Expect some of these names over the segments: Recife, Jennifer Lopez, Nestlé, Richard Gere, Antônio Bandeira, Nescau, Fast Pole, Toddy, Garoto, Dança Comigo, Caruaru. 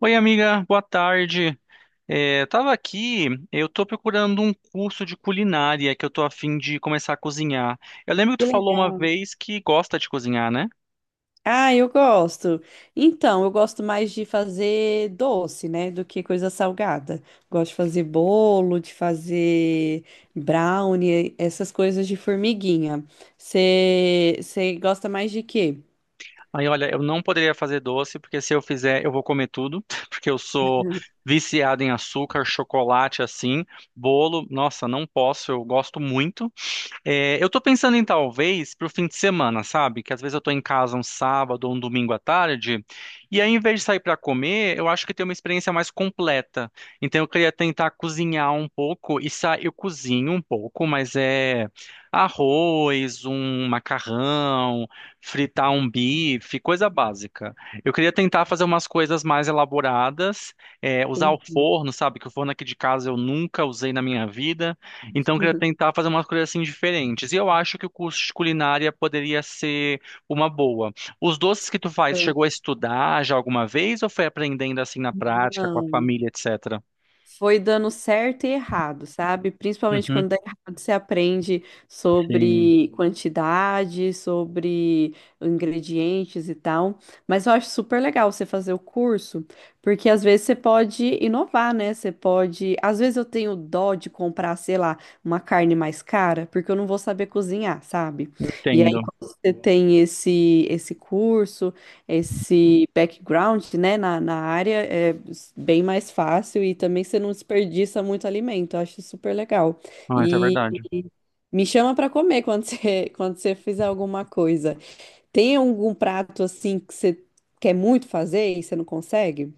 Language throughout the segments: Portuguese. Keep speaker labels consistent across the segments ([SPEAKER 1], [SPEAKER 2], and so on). [SPEAKER 1] Oi, amiga, boa tarde. Tava aqui, eu tô procurando um curso de culinária que eu tô a fim de começar a cozinhar. Eu lembro que
[SPEAKER 2] Que
[SPEAKER 1] tu falou uma
[SPEAKER 2] legal.
[SPEAKER 1] vez que gosta de cozinhar, né?
[SPEAKER 2] Ah, eu gosto. Então, eu gosto mais de fazer doce, né, do que coisa salgada. Gosto de fazer bolo, de fazer brownie, essas coisas de formiguinha. Você gosta mais de quê?
[SPEAKER 1] Aí, olha, eu não poderia fazer doce, porque se eu fizer, eu vou comer tudo, porque eu sou
[SPEAKER 2] Uhum.
[SPEAKER 1] viciado em açúcar, chocolate, assim, bolo. Nossa, não posso, eu gosto muito. Eu tô pensando em talvez pro fim de semana, sabe? Que às vezes eu tô em casa um sábado ou um domingo à tarde, e aí em vez de sair pra comer, eu acho que tem uma experiência mais completa. Então eu queria tentar cozinhar um pouco e eu cozinho um pouco, mas é arroz, um macarrão, fritar um bife, coisa básica. Eu queria tentar fazer umas coisas mais elaboradas, usar o
[SPEAKER 2] Entendi.
[SPEAKER 1] forno, sabe? Que o forno aqui de casa eu nunca usei na minha vida. Então, eu queria tentar fazer umas coisas assim diferentes. E eu acho que o curso de culinária poderia ser uma boa. Os doces que tu faz, chegou a estudar já alguma vez ou foi aprendendo assim na prática, com a
[SPEAKER 2] Não.
[SPEAKER 1] família, etc?
[SPEAKER 2] Foi dando certo e errado, sabe? Principalmente
[SPEAKER 1] Uhum,
[SPEAKER 2] quando dá errado, você aprende
[SPEAKER 1] sim.
[SPEAKER 2] sobre quantidade, sobre ingredientes e tal. Mas eu acho super legal você fazer o curso, porque às vezes você pode inovar, né? Você pode. Às vezes eu tenho dó de comprar, sei lá, uma carne mais cara, porque eu não vou saber cozinhar, sabe? E
[SPEAKER 1] Entendo.
[SPEAKER 2] aí, quando você tem esse curso, esse background, né, na área, é bem mais fácil, e também você não desperdiça muito alimento. Eu acho super legal.
[SPEAKER 1] Ah, isso é
[SPEAKER 2] E
[SPEAKER 1] verdade.
[SPEAKER 2] me chama para comer quando quando você fizer alguma coisa. Tem algum prato assim que você quer muito fazer e você não consegue?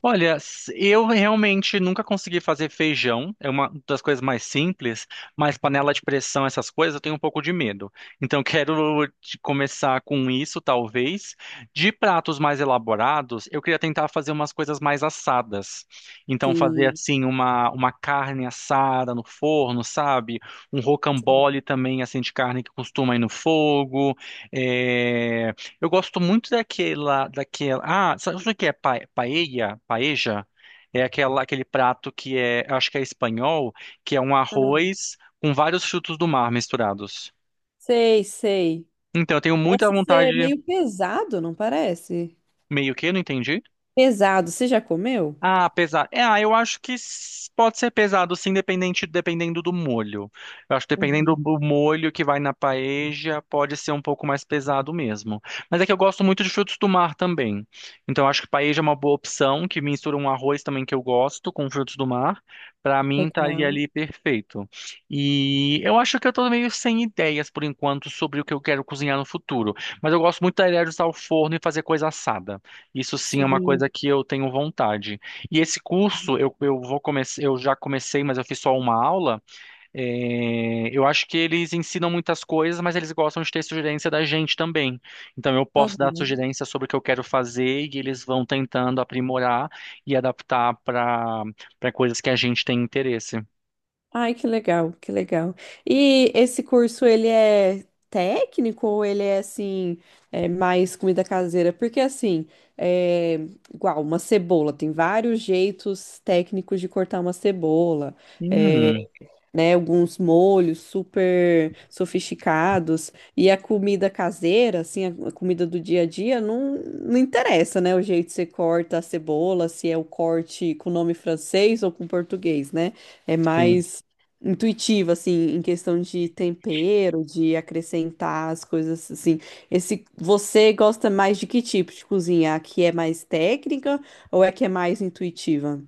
[SPEAKER 1] Olha, eu realmente nunca consegui fazer feijão, é uma das coisas mais simples, mas panela de pressão, essas coisas, eu tenho um pouco de medo. Então, quero começar com isso, talvez. De pratos mais elaborados, eu queria tentar fazer umas coisas mais assadas. Então, fazer
[SPEAKER 2] Sim.
[SPEAKER 1] assim, uma carne assada no forno, sabe? Um rocambole também, assim, de carne que costuma ir no fogo. eh, eu gosto muito daquela. Ah, sabe o que é paella? Paeja? É aquela, aquele prato que é, acho que é espanhol, que é um
[SPEAKER 2] Ah,
[SPEAKER 1] arroz com vários frutos do mar misturados.
[SPEAKER 2] sei, sei.
[SPEAKER 1] Então, eu tenho muita
[SPEAKER 2] Parece ser
[SPEAKER 1] vontade,
[SPEAKER 2] meio pesado, não parece?
[SPEAKER 1] meio que, não entendi.
[SPEAKER 2] Pesado. Você já comeu?
[SPEAKER 1] Ah, pesado. Eu acho que pode ser pesado, sim, dependendo do molho. Eu acho que dependendo do molho que vai na paeja, pode ser um pouco mais pesado mesmo. Mas é que eu gosto muito de frutos do mar também. Então, eu acho que paeja é uma boa opção, que mistura um arroz também que eu gosto com frutos do mar. Pra mim, estaria
[SPEAKER 2] Legal.
[SPEAKER 1] ali perfeito. E eu acho que eu tô meio sem ideias, por enquanto, sobre o que eu quero cozinhar no futuro. Mas eu gosto muito da ideia de usar o forno e fazer coisa assada. Isso sim é uma
[SPEAKER 2] Sim.
[SPEAKER 1] coisa que eu tenho vontade. E esse curso eu vou começar, eu já comecei, mas eu fiz só uma aula. Eu acho que eles ensinam muitas coisas, mas eles gostam de ter sugerência da gente também. Então eu posso dar
[SPEAKER 2] Aham.
[SPEAKER 1] sugerência sobre o que eu quero fazer e eles vão tentando aprimorar e adaptar para coisas que a gente tem interesse.
[SPEAKER 2] Ai, que legal, que legal. E esse curso, ele é técnico ou ele é, assim, mais comida caseira? Porque, assim, é, igual uma cebola, tem vários jeitos técnicos de cortar uma cebola.
[SPEAKER 1] Hum,
[SPEAKER 2] É, né? Alguns molhos super sofisticados. E a comida caseira, assim, a comida do dia a dia, não, não interessa, né? O jeito que você corta a cebola, se é o corte com nome francês ou com português, né? É
[SPEAKER 1] sim.
[SPEAKER 2] mais intuitivo, assim, em questão de tempero, de acrescentar as coisas, assim. Você gosta mais de que tipo de cozinha? A que é mais técnica, ou é que é mais intuitiva?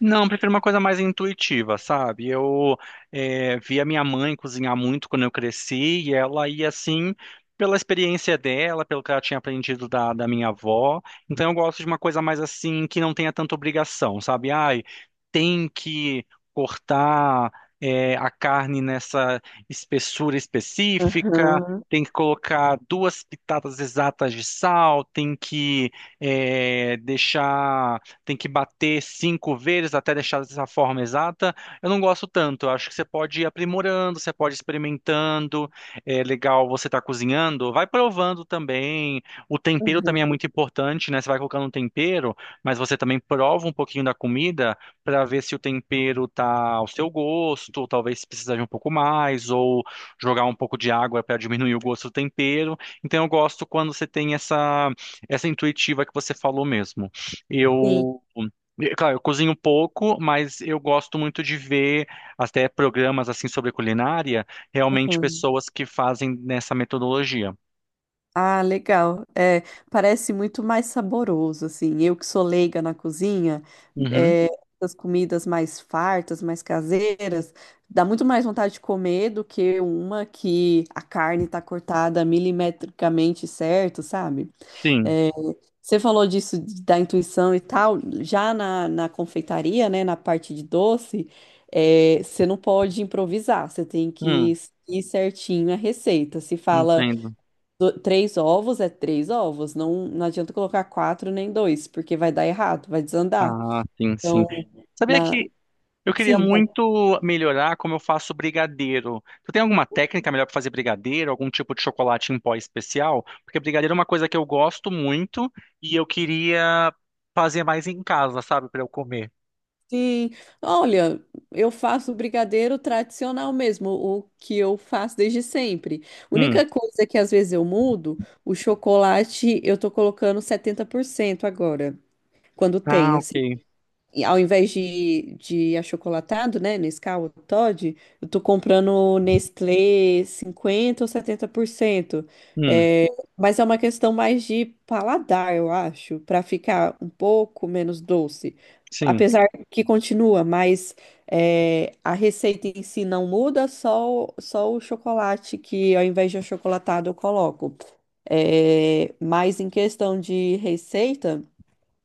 [SPEAKER 1] Não, eu prefiro uma coisa mais intuitiva, sabe? Via minha mãe cozinhar muito quando eu cresci e ela ia assim pela experiência dela, pelo que ela tinha aprendido da minha avó. Então eu gosto de uma coisa mais assim que não tenha tanta obrigação, sabe? Ai, tem que cortar a carne nessa espessura específica. Tem que colocar duas pitadas exatas de sal, tem que deixar tem que bater cinco vezes até deixar dessa forma exata. Eu não gosto tanto. Eu acho que você pode ir aprimorando, você pode ir experimentando. É legal você estar cozinhando, vai provando também. O tempero também é
[SPEAKER 2] Aham,
[SPEAKER 1] muito importante, né? Você vai colocando um tempero, mas você também prova um pouquinho da comida para ver se o tempero tá ao seu gosto, ou talvez precisar de um pouco mais, ou jogar um pouco de água para diminuir o gosto do tempero. Então eu gosto quando você tem essa intuitiva que você falou mesmo.
[SPEAKER 2] Sim.
[SPEAKER 1] Eu, claro, eu cozinho um pouco, mas eu gosto muito de ver até programas assim sobre culinária, realmente
[SPEAKER 2] aham.
[SPEAKER 1] pessoas que fazem nessa metodologia.
[SPEAKER 2] Ah, legal. É, parece muito mais saboroso, assim. Eu que sou leiga na cozinha,
[SPEAKER 1] Uhum,
[SPEAKER 2] é, essas comidas mais fartas, mais caseiras, dá muito mais vontade de comer do que uma que a carne tá cortada milimetricamente certo, sabe?
[SPEAKER 1] sim.
[SPEAKER 2] É, você falou disso da intuição e tal. Já na confeitaria, né, na parte de doce, você não pode improvisar, você tem que
[SPEAKER 1] Hum,
[SPEAKER 2] ir certinho a receita. Se fala
[SPEAKER 1] entendo.
[SPEAKER 2] três ovos é três ovos, não, não adianta colocar quatro nem dois, porque vai dar errado, vai desandar.
[SPEAKER 1] Ah, sim, sim.
[SPEAKER 2] Então,
[SPEAKER 1] Sabia
[SPEAKER 2] na...
[SPEAKER 1] que eu queria
[SPEAKER 2] sim,
[SPEAKER 1] muito melhorar como eu faço brigadeiro. Tu tem alguma técnica melhor para fazer brigadeiro, algum tipo de chocolate em pó especial? Porque brigadeiro é uma coisa que eu gosto muito e eu queria fazer mais em casa, sabe, para eu comer.
[SPEAKER 2] sim. Olha, eu faço brigadeiro tradicional mesmo, o que eu faço desde sempre.
[SPEAKER 1] Hum.
[SPEAKER 2] Única coisa que às vezes eu mudo, o chocolate eu tô colocando 70% agora, quando tem,
[SPEAKER 1] Ah,
[SPEAKER 2] assim.
[SPEAKER 1] ok.
[SPEAKER 2] E ao invés de achocolatado, né, Nescau ou Toddy, eu tô comprando Nestlé 50 ou 70%.
[SPEAKER 1] Hum,
[SPEAKER 2] É, mas é uma questão mais de paladar, eu acho, para ficar um pouco menos doce.
[SPEAKER 1] sim.
[SPEAKER 2] Apesar que continua, mas a receita em si não muda, só, só o chocolate, que ao invés de achocolatado eu coloco. É, mas em questão de receita,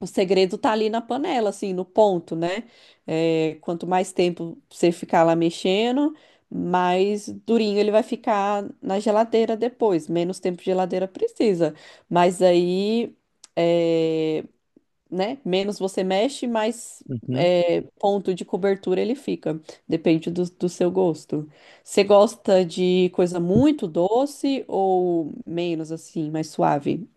[SPEAKER 2] o segredo tá ali na panela, assim, no ponto, né? É, quanto mais tempo você ficar lá mexendo, mais durinho ele vai ficar na geladeira depois. Menos tempo de geladeira precisa. Mas aí, é, né? Menos você mexe, mais
[SPEAKER 1] Uhum.
[SPEAKER 2] ponto de cobertura ele fica. Depende do seu gosto. Você gosta de coisa muito doce, ou menos, assim, mais suave?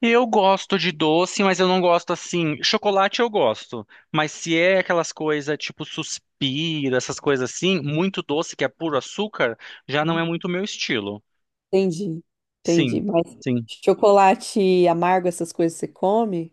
[SPEAKER 1] Eu gosto de doce, mas eu não gosto assim. Chocolate eu gosto, mas se é aquelas coisas tipo suspiro, essas coisas assim, muito doce que é puro açúcar, já não é muito o meu estilo.
[SPEAKER 2] Entendi, entendi.
[SPEAKER 1] Sim,
[SPEAKER 2] Mas
[SPEAKER 1] sim.
[SPEAKER 2] chocolate amargo, essas coisas você come?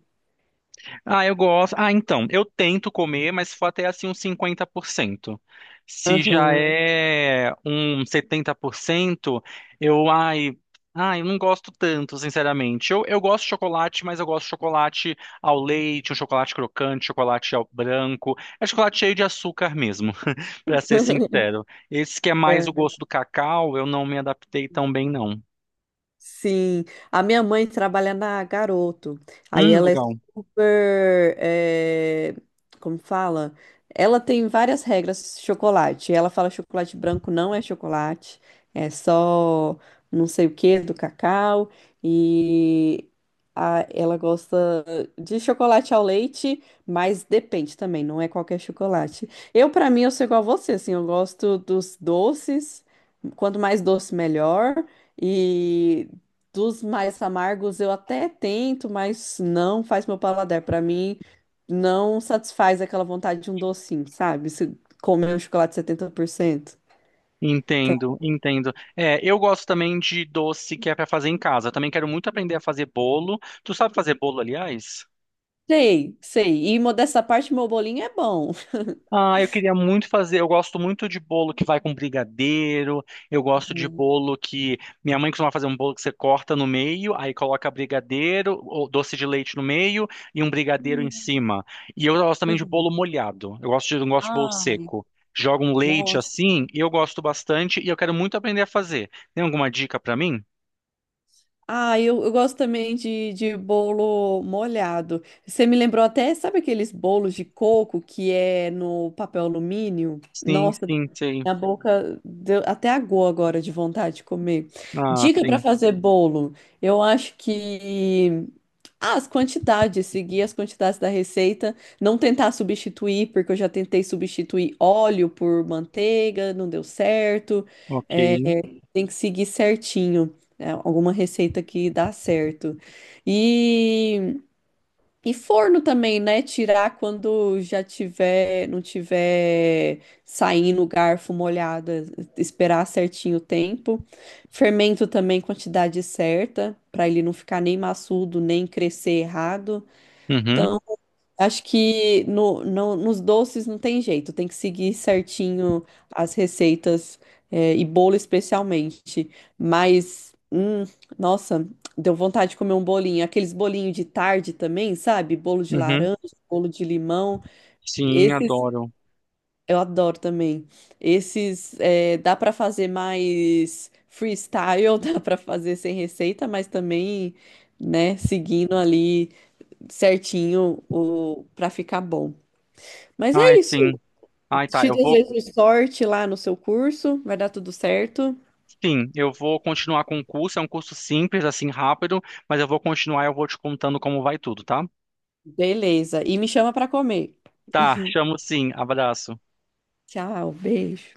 [SPEAKER 1] Ah, eu gosto. Ah, então, eu tento comer, mas se for até assim uns 50%. Se já
[SPEAKER 2] Aham.
[SPEAKER 1] é um 70%, eu, ai, ai, eu não gosto tanto, sinceramente. Eu gosto de chocolate, mas eu gosto de chocolate ao leite, um chocolate crocante, chocolate ao branco. É chocolate cheio de açúcar mesmo, pra ser sincero. Esse que é mais o
[SPEAKER 2] É.
[SPEAKER 1] gosto do cacau, eu não me adaptei tão bem, não.
[SPEAKER 2] Sim, a minha mãe trabalha na Garoto. Aí ela é
[SPEAKER 1] Legal.
[SPEAKER 2] super, como fala? Ela tem várias regras chocolate. Ela fala chocolate branco não é chocolate, é só não sei o que do cacau, e ela gosta de chocolate ao leite, mas depende também, não é qualquer chocolate. Eu, para mim, eu sou igual a você, assim, eu gosto dos doces, quanto mais doce melhor. E dos mais amargos eu até tento, mas não faz meu paladar. Pra mim, não satisfaz aquela vontade de um docinho, sabe? Se comer um chocolate 70%. Então,
[SPEAKER 1] Entendo, entendo. É, eu gosto também de doce que é para fazer em casa. Eu também quero muito aprender a fazer bolo. Tu sabe fazer bolo, aliás?
[SPEAKER 2] sei, sei. E mo dessa parte, meu bolinho é bom.
[SPEAKER 1] Ah, eu queria muito fazer. Eu gosto muito de bolo que vai com brigadeiro. Eu gosto de bolo que minha mãe costuma fazer um bolo que você corta no meio, aí coloca brigadeiro ou doce de leite no meio e um brigadeiro em
[SPEAKER 2] Uhum.
[SPEAKER 1] cima. E eu gosto também de
[SPEAKER 2] Uhum.
[SPEAKER 1] bolo molhado. Eu gosto de, não gosto de bolo
[SPEAKER 2] Ai,
[SPEAKER 1] seco. Joga um leite
[SPEAKER 2] nossa.
[SPEAKER 1] assim, eu gosto bastante e eu quero muito aprender a fazer. Tem alguma dica para mim?
[SPEAKER 2] Ah, eu gosto também de bolo molhado. Você me lembrou até, sabe aqueles bolos de coco que é no papel alumínio?
[SPEAKER 1] Sim,
[SPEAKER 2] Nossa,
[SPEAKER 1] sim, sei.
[SPEAKER 2] minha boca deu até aguou agora de vontade de comer.
[SPEAKER 1] Ah,
[SPEAKER 2] Dica para
[SPEAKER 1] sim.
[SPEAKER 2] fazer bolo. Eu acho que as quantidades, seguir as quantidades da receita, não tentar substituir, porque eu já tentei substituir óleo por manteiga, não deu certo.
[SPEAKER 1] Ok.
[SPEAKER 2] É, tem que seguir certinho, alguma receita que dá certo. E e forno também, né? Tirar quando já tiver, não tiver saindo o garfo molhado, esperar certinho o tempo. Fermento também, quantidade certa, para ele não ficar nem maçudo, nem crescer errado.
[SPEAKER 1] Uhum,
[SPEAKER 2] Acho que nos doces não tem jeito, tem que seguir certinho as receitas, e bolo especialmente. Mas, nossa, deu vontade de comer um bolinho. Aqueles bolinhos de tarde também, sabe? Bolo de
[SPEAKER 1] uhum.
[SPEAKER 2] laranja, bolo de limão.
[SPEAKER 1] Sim,
[SPEAKER 2] Esses
[SPEAKER 1] adoro.
[SPEAKER 2] eu adoro também. Esses, dá para fazer mais freestyle, dá para fazer sem receita, mas também, né, seguindo ali certinho para ficar bom. Mas
[SPEAKER 1] Ai,
[SPEAKER 2] é isso.
[SPEAKER 1] sim. Ai, tá.
[SPEAKER 2] Te
[SPEAKER 1] Eu vou.
[SPEAKER 2] desejo sorte lá no seu curso. Vai dar tudo certo.
[SPEAKER 1] Sim, eu vou continuar com o curso. É um curso simples, assim, rápido, mas eu vou continuar e eu vou te contando como vai tudo, tá?
[SPEAKER 2] Beleza. E me chama para comer.
[SPEAKER 1] Tá, chamo sim. Abraço.
[SPEAKER 2] Tchau, beijo.